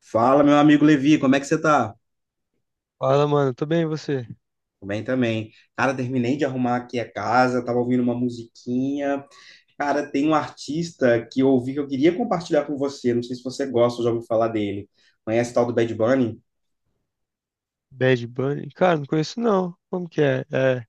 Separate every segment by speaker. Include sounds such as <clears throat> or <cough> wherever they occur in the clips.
Speaker 1: Fala, meu amigo Levi, como é que você tá?
Speaker 2: Fala, mano, tô bem e você?
Speaker 1: Tô bem também. Cara, terminei de arrumar aqui a casa, tava ouvindo uma musiquinha. Cara, tem um artista que eu ouvi que eu queria compartilhar com você, não sei se você gosta ou já ouviu falar dele. Conhece o tal do Bad Bunny?
Speaker 2: Bad Bunny? Cara, não conheço não. Como que é? É, o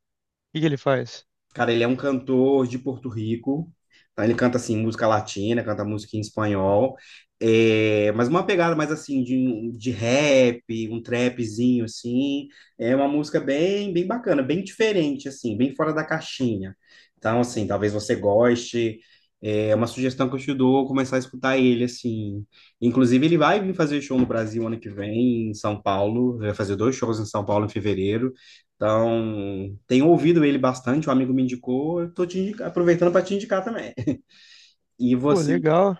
Speaker 2: que que ele faz?
Speaker 1: Cara, ele é um cantor de Porto Rico. Tá? Ele canta assim música latina, canta música em espanhol. É, mas uma pegada mais assim de rap, um trapzinho assim. É uma música bem bem bacana, bem diferente assim, bem fora da caixinha. Então assim, talvez você goste. É uma sugestão que eu te dou, começar a escutar ele assim. Inclusive ele vai vir fazer show no Brasil ano que vem, em São Paulo. Vai fazer dois shows em São Paulo em fevereiro. Então, tenho ouvido ele bastante, um amigo me indicou, eu aproveitando para te indicar também. E
Speaker 2: Pô,
Speaker 1: você,
Speaker 2: legal.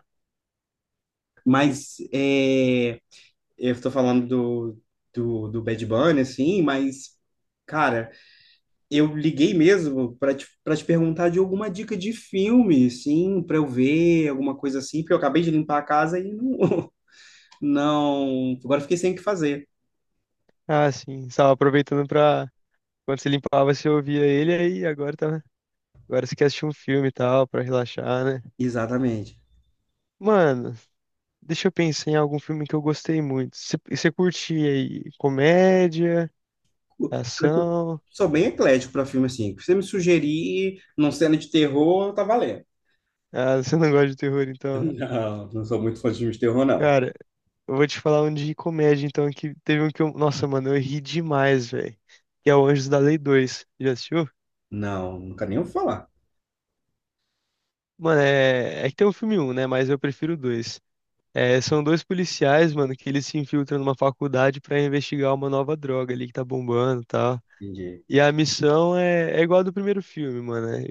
Speaker 1: mas é, eu estou falando do Bad Bunny, assim, mas, cara, eu liguei mesmo para te perguntar de alguma dica de filme, sim, para eu ver, alguma coisa assim, porque eu acabei de limpar a casa e não, <laughs> não, agora eu fiquei sem o que fazer.
Speaker 2: Ah, sim, estava aproveitando pra. Quando você limpava, você ouvia ele, aí agora tá. Agora você quer assistir um filme e tal, pra relaxar, né?
Speaker 1: Exatamente.
Speaker 2: Mano, deixa eu pensar em algum filme que eu gostei muito. Você curte aí comédia,
Speaker 1: Eu
Speaker 2: ação?
Speaker 1: sou bem eclético para filme, assim, se você me sugerir num cena de terror, tá valendo.
Speaker 2: Ah, <laughs> você não gosta de terror, então.
Speaker 1: Não, não sou muito fã de filme de terror, não.
Speaker 2: Cara, eu vou te falar um de comédia, então, que teve um que eu. Nossa, mano, eu ri demais, velho. Que é o Anjos da Lei dois. Já assistiu?
Speaker 1: Não, nunca nem ouvi falar.
Speaker 2: Mano, é. É que tem o filme um, né? Mas eu prefiro o 2. É, são dois policiais, mano, que eles se infiltram numa faculdade pra investigar uma nova droga ali que tá bombando e tal.
Speaker 1: Entendi.
Speaker 2: E a missão é igual a do primeiro filme, mano, né?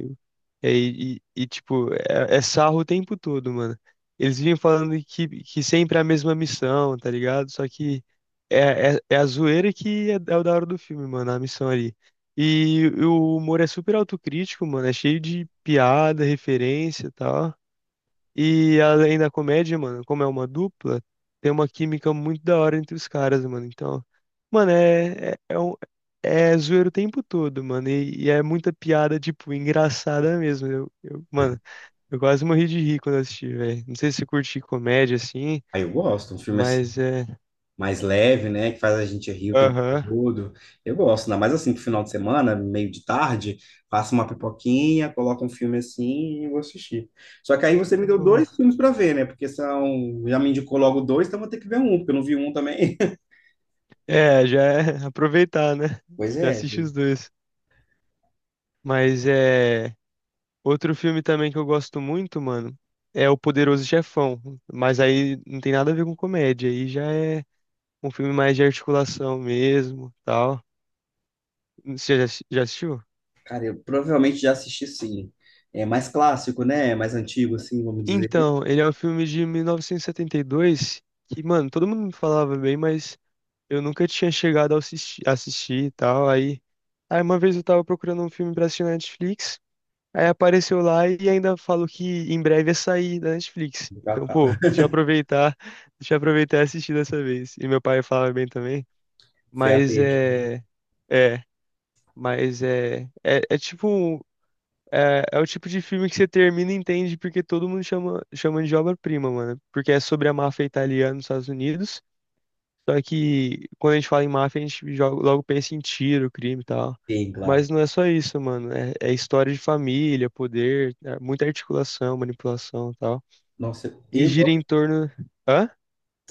Speaker 2: E, tipo, é sarro o tempo todo, mano. Eles vivem falando que sempre é a mesma missão, tá ligado? Só que é a zoeira que é o da hora do filme, mano, a missão ali. E o humor é super autocrítico, mano, é cheio de piada, referência e tal. E além da comédia, mano, como é uma dupla, tem uma química muito da hora entre os caras, mano. Então, mano, é zoeiro o tempo todo, mano. E é muita piada, tipo, engraçada mesmo. Mano, eu quase morri de rir quando eu assisti, velho. Não sei se curti comédia assim,
Speaker 1: Aí eu gosto, um filme assim,
Speaker 2: mas é.
Speaker 1: mais leve, né? Que faz a gente rir o tempo
Speaker 2: Aham.
Speaker 1: todo. Eu gosto, ainda mais assim, pro final de semana, meio de tarde, faço uma pipoquinha, coloco um filme assim e vou assistir. Só que aí você me
Speaker 2: É
Speaker 1: deu
Speaker 2: bom.
Speaker 1: dois filmes pra ver, né? Porque são. Já me indicou logo dois, então vou ter que ver um, porque eu não vi um também. <laughs>
Speaker 2: É, já é <laughs> aproveitar, né?
Speaker 1: Pois
Speaker 2: Já
Speaker 1: é,
Speaker 2: assisti os dois. Mas é. Outro filme também que eu gosto muito, mano, é O Poderoso Chefão. Mas aí não tem nada a ver com comédia. Aí já é um filme mais de articulação mesmo, tal. Você já assistiu?
Speaker 1: cara, eu provavelmente já assisti sim. É mais clássico, né? Mais antigo, assim, vamos dizer.
Speaker 2: Então, ele é um filme de 1972 que, mano, todo mundo me falava bem, mas eu nunca tinha chegado a assistir, e tal. Aí, uma vez eu tava procurando um filme pra assistir na Netflix. Aí apareceu lá e ainda falou que em breve ia sair da Netflix. Então, pô, deixa eu aproveitar, <laughs> deixa eu aproveitar e assistir dessa vez. E meu pai falava bem também.
Speaker 1: Foi a
Speaker 2: Mas
Speaker 1: peixe,
Speaker 2: é. É, mas é. É tipo. É o tipo de filme que você termina e entende porque todo mundo chama, chama de obra-prima, mano. Porque é sobre a máfia italiana nos Estados Unidos. Só que quando a gente fala em máfia, a gente logo pensa em tiro, crime e tal.
Speaker 1: sim, claro.
Speaker 2: Mas não é só isso, mano. É história de família, poder, é muita articulação, manipulação e tal.
Speaker 1: Nossa,
Speaker 2: E
Speaker 1: eu,
Speaker 2: gira em torno. Hã?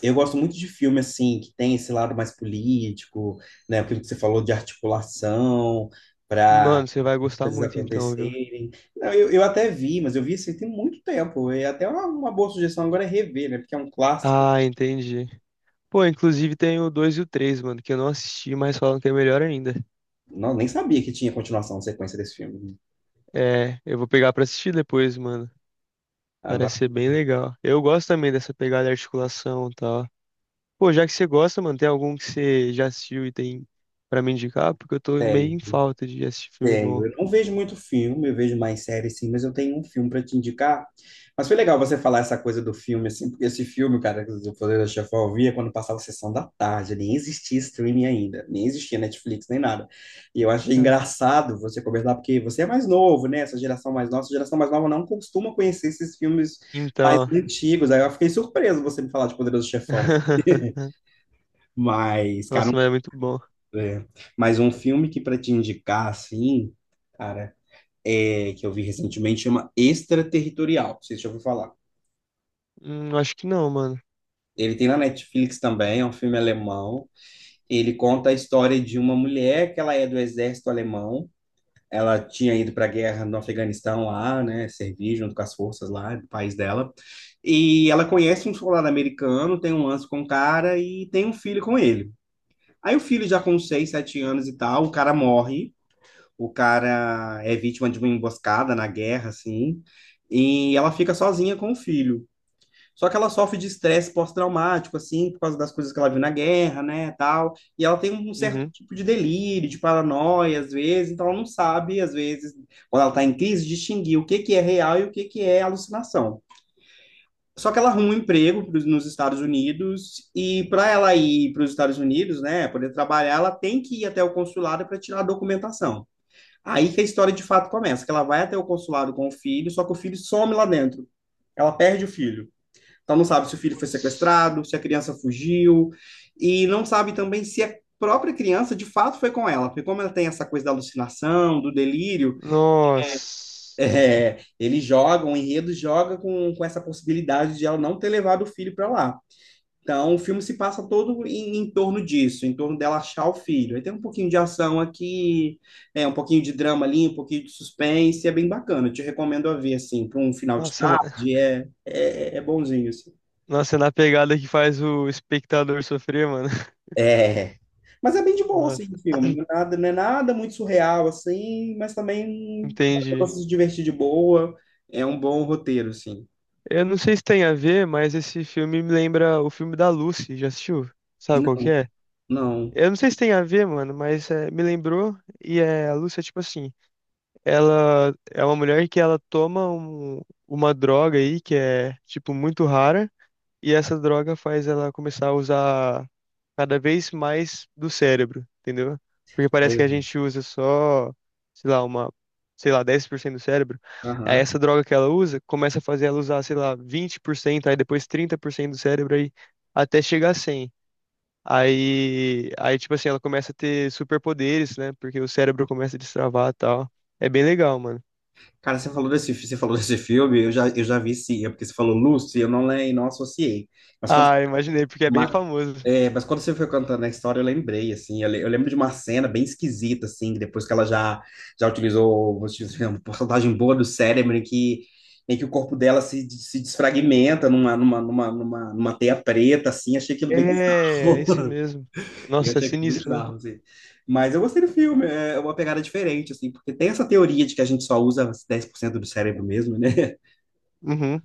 Speaker 1: eu gosto muito de filme assim que tem esse lado mais político, né? Aquilo que você falou de articulação para
Speaker 2: Mano, você vai
Speaker 1: as
Speaker 2: gostar
Speaker 1: coisas
Speaker 2: muito então, viu?
Speaker 1: acontecerem. Não, eu até vi, mas eu vi assim tem muito tempo. E até uma boa sugestão agora é rever, né? Porque é um clássico.
Speaker 2: Ah, entendi. Pô, inclusive tem o 2 e o três, mano, que eu não assisti, mas falam que é melhor ainda.
Speaker 1: Não, nem sabia que tinha continuação, sequência desse filme.
Speaker 2: É, eu vou pegar pra assistir depois, mano.
Speaker 1: Ah, ba-
Speaker 2: Parece ser bem legal. Eu gosto também dessa pegada de articulação e tal. Pô, já que você gosta, mano, tem algum que você já assistiu e tem pra me indicar? Porque eu tô meio
Speaker 1: Tem.
Speaker 2: em falta de assistir filme
Speaker 1: Tenho.
Speaker 2: bom.
Speaker 1: Eu não vejo muito filme, eu vejo mais séries sim, mas eu tenho um filme para te indicar. Mas foi legal você falar essa coisa do filme, assim, porque esse filme, cara, que o Poder da Chefão eu via quando passava a sessão da tarde, nem existia streaming ainda, nem existia Netflix, nem nada. E eu achei
Speaker 2: Cara.
Speaker 1: engraçado você conversar, porque você é mais novo, né? Essa geração mais nova, essa geração mais nova não costuma conhecer esses filmes mais
Speaker 2: Então.
Speaker 1: antigos. Aí eu fiquei surpreso você me falar de Poderoso Chefão assim. <laughs>
Speaker 2: <laughs>
Speaker 1: Mas, cara,
Speaker 2: Nossa, mas é muito bom.
Speaker 1: é, mas um filme que para te indicar, assim. Cara, é, que eu vi recentemente, chama Extraterritorial. Não sei se já ouviu falar.
Speaker 2: Acho que não, mano.
Speaker 1: Ele tem na Netflix também, é um filme alemão. Ele conta a história de uma mulher que ela é do exército alemão. Ela tinha ido para a guerra no Afeganistão lá, né, servir junto com as forças lá do país dela. E ela conhece um soldado americano, tem um lance com o cara e tem um filho com ele. Aí o filho já com 6, 7 anos e tal, o cara morre, o cara é vítima de uma emboscada na guerra, assim, e ela fica sozinha com o filho. Só que ela sofre de estresse pós-traumático, assim, por causa das coisas que ela viu na guerra, né, tal. E ela tem um certo
Speaker 2: Uhum.
Speaker 1: tipo de delírio, de paranoia, às vezes, então ela não sabe, às vezes, quando ela está em crise, distinguir o que que é real e o que que é alucinação. Só que ela arruma um emprego nos Estados Unidos e para ela ir para os Estados Unidos, né, poder trabalhar, ela tem que ir até o consulado para tirar a documentação. Aí que a história de fato começa, que ela vai até o consulado com o filho, só que o filho some lá dentro. Ela perde o filho. Então não sabe se o filho foi
Speaker 2: Putz.
Speaker 1: sequestrado, se a criança fugiu, e não sabe também se a própria criança de fato foi com ela, porque como ela tem essa coisa da alucinação, do delírio,
Speaker 2: Nossa.
Speaker 1: é, ele joga, o enredo joga com essa possibilidade de ela não ter levado o filho para lá. Então, o filme se passa todo em torno disso, em torno dela achar o filho. Aí tem um pouquinho de ação aqui, é, um pouquinho de drama ali, um pouquinho de suspense, é bem bacana. Eu te recomendo a ver, assim, para um final de
Speaker 2: Nossa, na.
Speaker 1: tarde, é bonzinho, assim.
Speaker 2: Nossa, é na pegada que faz o espectador sofrer, mano. <laughs>
Speaker 1: É, mas é bem de boa, assim, o
Speaker 2: Nossa.
Speaker 1: filme.
Speaker 2: <clears throat>
Speaker 1: Não é nada, não é nada muito surreal, assim, mas também dá pra
Speaker 2: Entendi.
Speaker 1: você se divertir de boa. É um bom roteiro, assim.
Speaker 2: Eu não sei se tem a ver, mas esse filme me lembra o filme da Lucy. Já assistiu? Sabe qual que
Speaker 1: Não,
Speaker 2: é?
Speaker 1: não.
Speaker 2: Eu não sei se tem a ver, mano, mas é, me lembrou. E é, a Lúcia, tipo assim, ela é uma mulher que ela toma uma droga aí que é, tipo, muito rara. E essa droga faz ela começar a usar cada vez mais do cérebro, entendeu? Porque
Speaker 1: Aí
Speaker 2: parece que
Speaker 1: eu
Speaker 2: a gente usa só, sei lá, sei lá, 10% do cérebro. Aí
Speaker 1: vi.
Speaker 2: essa droga que ela usa começa a fazer ela usar, sei lá, 20%, aí depois 30% do cérebro, aí até chegar a 100. Aí, tipo assim, ela começa a ter superpoderes, né? Porque o cérebro começa a destravar e tal. É bem legal, mano.
Speaker 1: Cara, você falou desse filme, eu já vi sim, é porque você falou Lucy, eu não lembro, não associei. Mas quando,
Speaker 2: Ah, imaginei, porque é bem
Speaker 1: ma-
Speaker 2: famoso.
Speaker 1: é, mas quando você foi cantando a história, eu lembrei, assim, eu lembro de uma cena bem esquisita, assim, que depois que já utilizou, vou te dizer, uma porcentagem boa do cérebro, em que o corpo dela se, se desfragmenta numa teia preta, assim, achei aquilo bem
Speaker 2: É, é
Speaker 1: bizarro,
Speaker 2: isso
Speaker 1: né?
Speaker 2: mesmo.
Speaker 1: Eu
Speaker 2: Nossa, é
Speaker 1: achei aquilo
Speaker 2: sinistro, né?
Speaker 1: bizarro, assim. Mas eu gostei do filme, é uma pegada diferente, assim, porque tem essa teoria de que a gente só usa 10% do cérebro mesmo, né? <laughs>
Speaker 2: Uhum.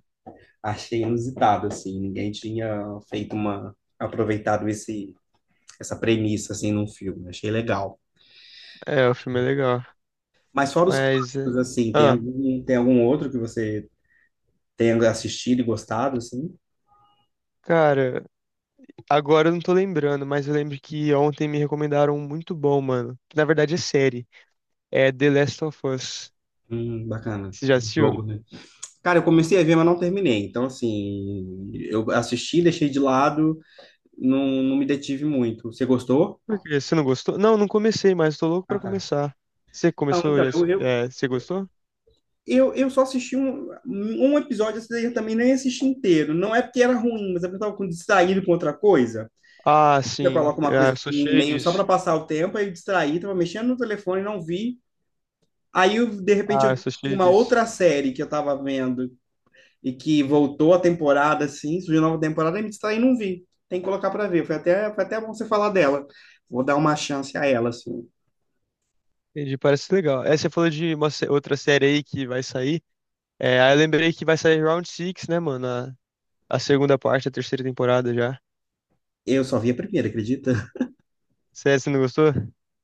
Speaker 1: Achei inusitado, assim, ninguém tinha feito uma, aproveitado esse, essa premissa, assim, num filme, achei legal.
Speaker 2: É, o filme é legal.
Speaker 1: Mas fora os
Speaker 2: Mas é.
Speaker 1: clássicos, assim,
Speaker 2: Ah,
Speaker 1: tem algum outro que você tenha assistido e gostado, assim?
Speaker 2: cara, agora eu não tô lembrando, mas eu lembro que ontem me recomendaram um muito bom, mano. Que na verdade é série. É The Last of Us.
Speaker 1: Bacana.
Speaker 2: Você já assistiu?
Speaker 1: Jogo, né? Cara, eu comecei a ver, mas não terminei. Então, assim, eu assisti, deixei de lado, não, não me detive muito. Você gostou?
Speaker 2: Por quê? Você não gostou? Não, não comecei, mas tô louco
Speaker 1: Ah,
Speaker 2: pra
Speaker 1: tá.
Speaker 2: começar. Você
Speaker 1: Não,
Speaker 2: começou
Speaker 1: então,
Speaker 2: já? É, você gostou?
Speaker 1: eu só assisti um episódio, esse daí eu também nem assisti inteiro. Não é porque era ruim, mas é porque eu tava com- distraído com outra coisa.
Speaker 2: Ah,
Speaker 1: Você
Speaker 2: sim.
Speaker 1: coloca uma
Speaker 2: Ah,
Speaker 1: coisa
Speaker 2: eu sou
Speaker 1: assim,
Speaker 2: cheio
Speaker 1: meio só para
Speaker 2: disso.
Speaker 1: passar o tempo, aí eu distraí, tava mexendo no telefone, não vi. Aí, eu, de repente,
Speaker 2: Ah,
Speaker 1: eu
Speaker 2: eu sou
Speaker 1: tinha
Speaker 2: cheio
Speaker 1: uma
Speaker 2: disso.
Speaker 1: outra série que eu tava vendo e que voltou a temporada, assim, surgiu nova temporada, e me distraí e não vi. Tem que colocar para ver. Foi até bom você falar dela. Vou dar uma chance a ela, assim.
Speaker 2: Entendi, parece legal. É, você falou de uma outra série aí que vai sair. É, aí eu lembrei que vai sair Round 6, né, mano? A segunda parte, a terceira temporada já.
Speaker 1: Eu só vi a primeira, acredita?
Speaker 2: Sério, você não gostou?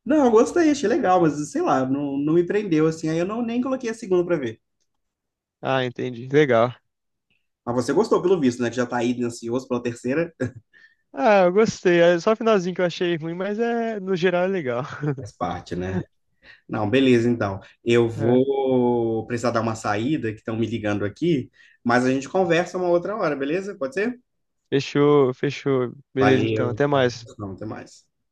Speaker 1: Não, eu gostei, achei legal, mas sei lá, não, não me prendeu assim. Aí eu não nem coloquei a segunda pra ver.
Speaker 2: Ah, entendi. Legal.
Speaker 1: Mas você gostou, pelo visto, né? Que já tá aí ansioso pela terceira.
Speaker 2: Ah, eu gostei. É só o finalzinho que eu achei ruim, mas é, no geral é legal.
Speaker 1: Faz parte, né?
Speaker 2: <laughs>
Speaker 1: Não, beleza, então. Eu
Speaker 2: É.
Speaker 1: vou precisar dar uma saída, que estão me ligando aqui, mas a gente conversa uma outra hora, beleza? Pode ser?
Speaker 2: Fechou, fechou. Beleza, então.
Speaker 1: Valeu.
Speaker 2: Até mais.
Speaker 1: Não, até mais.